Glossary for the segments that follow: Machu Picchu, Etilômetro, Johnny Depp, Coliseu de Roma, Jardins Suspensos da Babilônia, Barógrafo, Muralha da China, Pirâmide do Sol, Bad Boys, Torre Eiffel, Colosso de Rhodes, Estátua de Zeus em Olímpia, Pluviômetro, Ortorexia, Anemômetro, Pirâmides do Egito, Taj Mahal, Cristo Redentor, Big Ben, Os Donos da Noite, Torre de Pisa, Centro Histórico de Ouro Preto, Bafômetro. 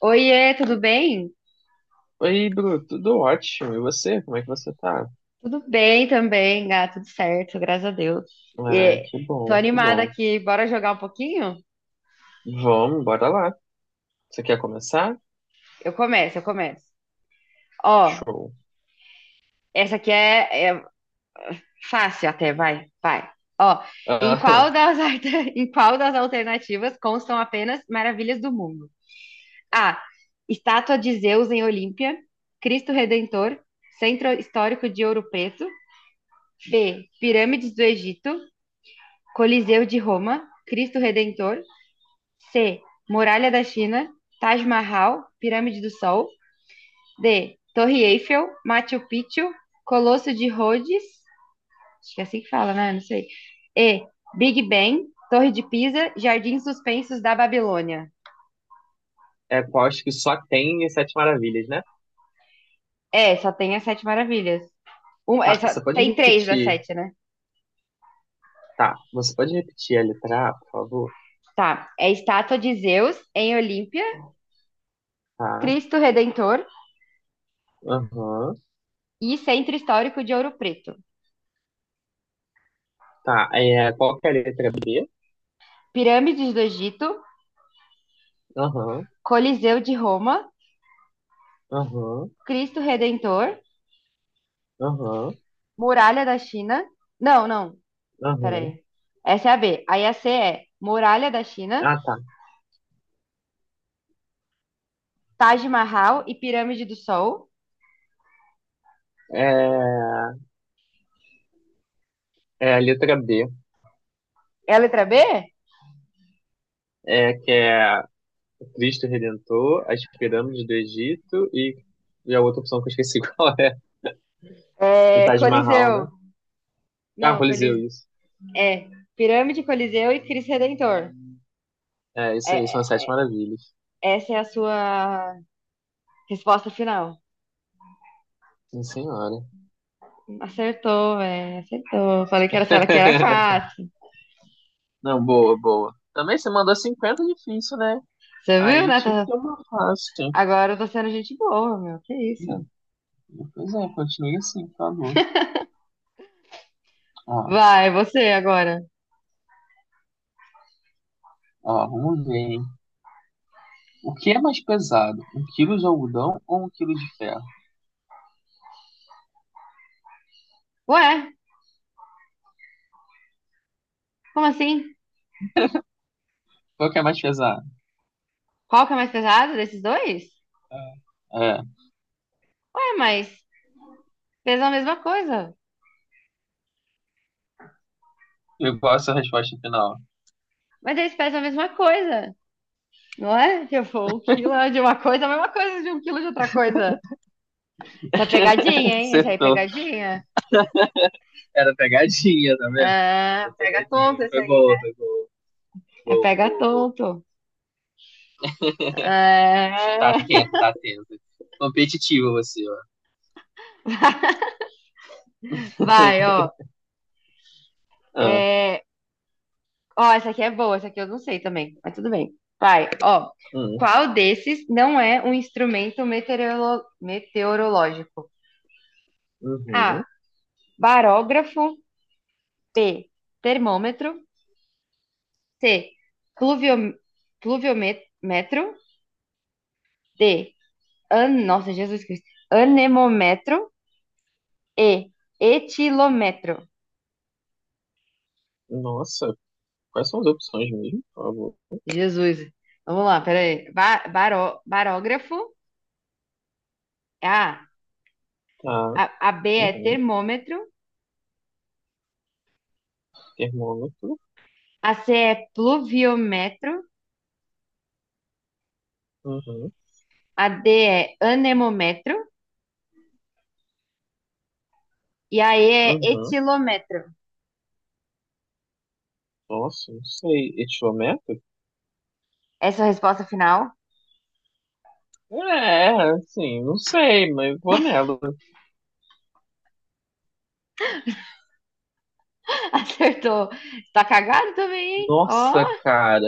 Oiê, tudo bem? Oi, Bruno, tudo ótimo. E você? Como é que você tá? Tudo bem também, tudo certo, graças a Deus. Ah, E, que Tô bom, que animada bom. aqui, bora jogar um pouquinho? Vamos, bora lá. Você quer começar? Eu começo. Ó, Show. essa aqui é fácil até, vai. Ó, Ah, em qual das alternativas constam apenas maravilhas do mundo? A. Estátua de Zeus em Olímpia, Cristo Redentor, Centro Histórico de Ouro Preto. B. Pirâmides do Egito, Coliseu de Roma, Cristo Redentor. C. Muralha da China, Taj Mahal, Pirâmide do Sol. D. Torre Eiffel, Machu Picchu, Colosso de Rhodes, acho que é assim que fala, né? Não sei. E. Big Ben, Torre de Pisa, Jardins Suspensos da Babilônia. é qual acho que só tem as Sete Maravilhas, né? É, só tem as Sete Maravilhas. É Tá, só, você pode tem três das repetir. sete, né? Tá, você pode repetir a letra A, por favor? Tá. É estátua de Zeus em Olímpia, Tá, Cristo Redentor aham. e Centro Histórico de Ouro Preto. Tá, é, qual que é a letra B? Pirâmides do Egito, Aham, Coliseu de Roma, aham, Cristo Redentor, aham, Muralha da China. Não, não. aham. Peraí. Essa é a B. Aí a C é Muralha da China, Ah, tá. Taj Mahal e Pirâmide do Sol. É, é a letra B, É a letra B? é, que é Cristo Redentor, as pirâmides do Egito e a outra opção que eu esqueci qual é. O É Taj Mahal, né? Coliseu. Ah, o Não, Coliseu, Coliseu. isso. É Pirâmide, Coliseu e Cristo Redentor. É, isso É, aí, são as sete maravilhas. essa é a sua resposta final. Sim, senhora. Acertou, velho. Acertou. Falei que era, só- que era fácil. Não, boa, boa. Também você mandou 50 difícil, né? Você viu, Aí né? tinha que Tá- ter uma fácil. Agora eu tô sendo gente boa, meu. Que Hum. isso? Pois é, continue assim, por favor. Ó, Vai, você agora. ó, vamos ver, hein? O que é mais pesado? Um quilo de algodão ou um quilo de ferro? Ué, como assim? Qual que é mais pesado? Qual que é mais pesado desses dois? É, É, Ué, mas pesa a mesma coisa. eu gosto da resposta final. Mas eles pesam a mesma coisa, não é? Tipo, um quilo é de uma coisa, é a mesma coisa de um quilo de outra coisa. Isso é pegadinha, hein? Esse aí é Acertou. pegadinha. Era pegadinha, tá vendo? Ah, Era pega pegadinha. tonto esse Foi aí, né? boa, foi boa. É Boa, pega boa, boa. tonto. Tá Ah, atento, tá atento. Competitivo você, ó. vai, ó. Ah, É, ó, essa aqui é boa, essa aqui eu não sei também, mas tudo bem. Vai, ó. hum, Qual desses não é um instrumento meteorolo- meteorológico? A. uhum. Barógrafo. B. Termômetro. C. Pluviom... Pluviômetro. D. Nossa, Jesus Cristo. Anemômetro. E. Etilômetro. Nossa, quais são as opções mesmo, por favor? Jesus. Vamos lá, peraí. Barógrafo. A. Tá, A, a B é uhum. termômetro. Termômetro, A C é pluviômetro. uhum, A D é anemômetro. E a E é uhum. etilômetro. Nossa, não sei. Etiômetro? Essa é a resposta final. É, assim, não sei, mas vou nela. Acertou. Tá cagado também, hein? Ó, Nossa, cara.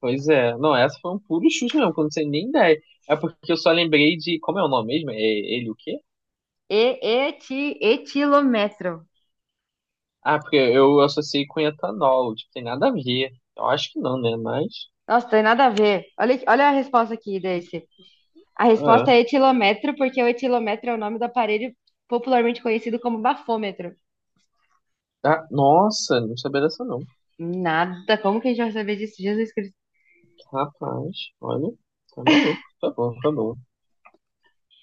Pois é. Não, essa foi um puro chute mesmo, que eu não sei nem ideia. É porque eu só lembrei de. Como é o nome mesmo? É ele o quê? Etilômetro. Ah, porque eu associei com etanol, tipo, tem nada a ver. Eu acho que não, né? Mas. Nossa, tem nada a ver. Olha, aqui- olha a resposta aqui desse. A resposta Ah, é etilômetro, porque o etilômetro é o nome do aparelho popularmente conhecido como bafômetro. Ah, nossa, não sabia dessa não. Nada, como que a gente vai saber disso? Jesus Cristo. Rapaz, olha, tá maluco. Tá bom, tá bom.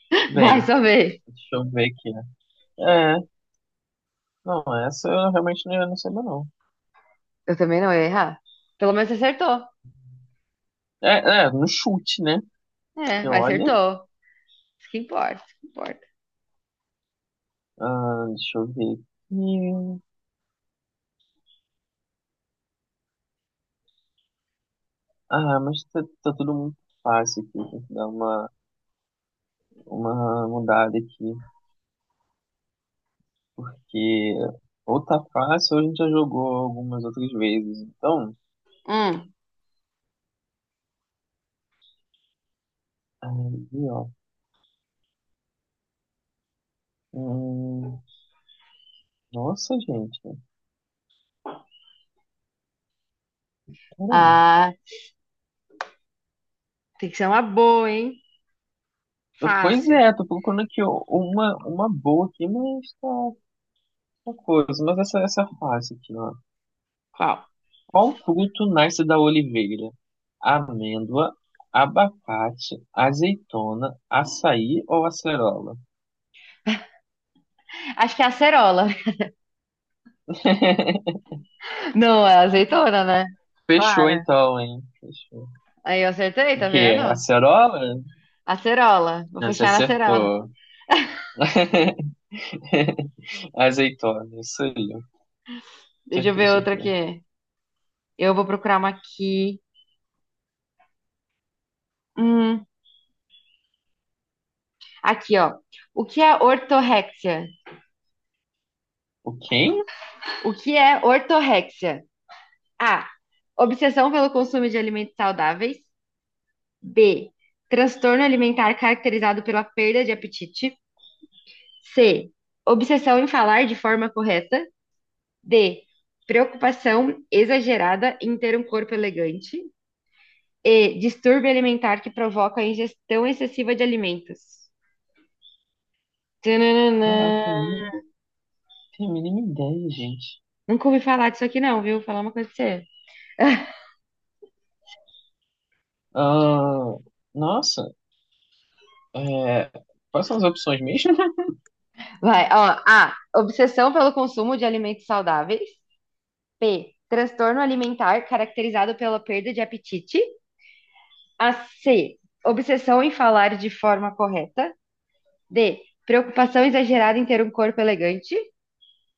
Vai, Bem, saber deixa eu ver aqui. Né? É, não, essa eu realmente não sabia não. Eu também não ia errar. Pelo menos você acertou. É, é, no chute, né? É, Então, mas olha, acertou. Isso que importa. ah, deixa eu ver aqui. Ah, mas tá, tá tudo muito fácil aqui. Tem que dar uma, mudada aqui. Que ou tá fácil ou a gente já jogou algumas outras vezes. Então, Hum, aí, ó. Hum, nossa, gente. Caramba. ah, tem que ser uma boa, hein? Pois Fácil. é, tô procurando aqui ó, uma boa aqui, mas tá coisa. Mas essa é fácil aqui, ó. Qual? Qual fruto nasce da oliveira? Amêndoa, abacate, azeitona, açaí ou acerola? Acho que é acerola. Não, é azeitona, né? Fechou Clara. então, hein? Fechou. Aí eu acertei, O tá que? É? vendo? Acerola? Acerola. Vou Ah, você fechar na acerola. acertou. Azeitona, isso aí. Deixa eu Acertou, ver outra acertou. aqui. Eu vou procurar uma aqui. Hum, aqui, ó. O que é ortorexia? O quem? O que é ortorexia? A. Obsessão pelo consumo de alimentos saudáveis. B. Transtorno alimentar caracterizado pela perda de apetite. C. Obsessão em falar de forma correta. D. Preocupação exagerada em ter um corpo elegante. E. Distúrbio alimentar que provoca a ingestão excessiva de alimentos. Tananã. Caraca, tem mínima ideia, gente. Nunca ouvi falar disso aqui, não, viu? Vou falar uma coisa pra você. Ah, nossa, é, quais são as opções mesmo? Vai, ó. A. Obsessão pelo consumo de alimentos saudáveis. B. Transtorno alimentar caracterizado pela perda de apetite. A. C. Obsessão em falar de forma correta. D. Preocupação exagerada em ter um corpo elegante.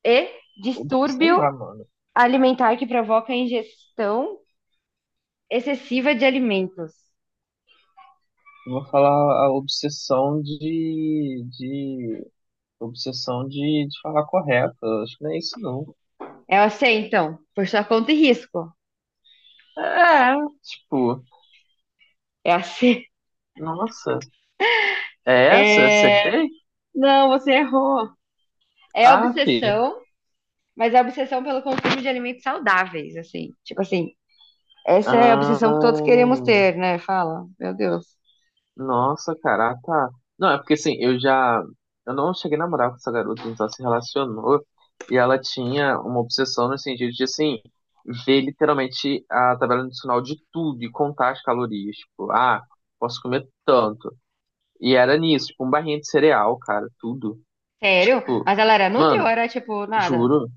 E. Ob- Sei Distúrbio lá, mano. alimentar que provoca a ingestão excessiva de alimentos. Eu vou falar a obsessão de falar correto. Acho que não é isso, não. É a C, então. Por sua conta e risco. É, tipo, É a C. nossa, é essa? É... Acertei? Não, você errou. É Ah, fi. obsessão, mas é obsessão pelo consumo de alimentos saudáveis, assim. Tipo assim, essa é a obsessão que todos queremos Ah, ter, né? Fala. Meu Deus. Nossa, cara, ah, tá. Não, é porque assim, eu já. Eu não cheguei a namorar com essa garota, a gente só se relacionou. E ela tinha uma obsessão no sentido de, assim, ver literalmente a tabela nutricional de tudo e contar as calorias. Tipo, ah, posso comer tanto. E era nisso, tipo, um barrinha de cereal, cara, tudo. Sério? Tipo, Mas ela era nutri ou mano, era, tipo, nada? juro.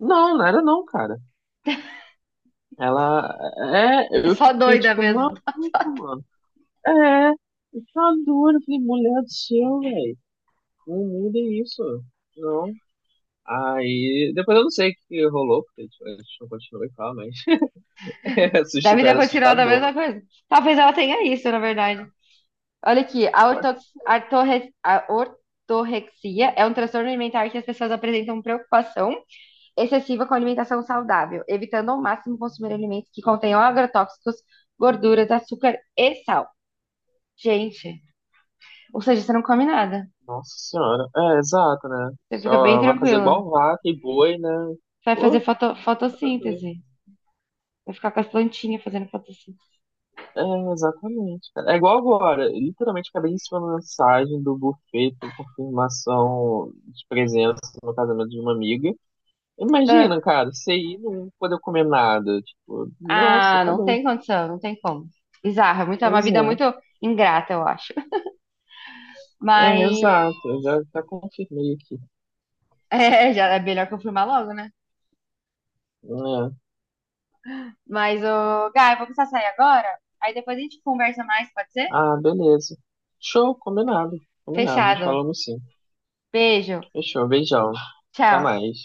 Não, não era não, cara. Ela. É, É eu só fiquei, doida tipo, mesmo. maluco, mano. É, tá duro, eu falei, mulher do céu, velho. Não mudem isso. Não. Aí, depois eu não sei o que rolou, porque tipo, a gente não continuou e falar, mas é Da assust- vida era continua da assustador. mesma coisa. Talvez ela tenha isso, na verdade. Olha aqui, a ortorexia é um transtorno alimentar que as pessoas apresentam preocupação excessiva com a alimentação saudável, evitando ao máximo consumir alimentos que contenham agrotóxicos, gorduras, açúcar e sal. Gente, ou seja, você não come nada. Nossa senhora. É, exato, né? Você fica bem Só vai fazer tranquilo. igual vaca e boi, né? Você vai fazer Pô, tá doido. fotossíntese. Vai ficar com as plantinhas fazendo fotossíntese. É, exatamente, cara. É igual agora. Eu literalmente acabei de receber uma mensagem do buffet por confirmação de presença no casamento de uma amiga. Imagina, cara, você ir e não poder comer nada. Tipo, nossa, tá Não doido. tem condição, não tem como. Bizarro, é muito, é uma Pois vida é. muito ingrata, eu acho. É, Mas. exato, eu já confirmei aqui. É, já é melhor confirmar logo, né? Né? Mas, ô, Gá, eu vou precisar sair agora. Aí depois a gente conversa mais, pode ser? Ah, beleza. Show, combinado, combinado. Nos Fechado. falamos sim. Beijo. Fechou, beijão. Até Tchau. mais.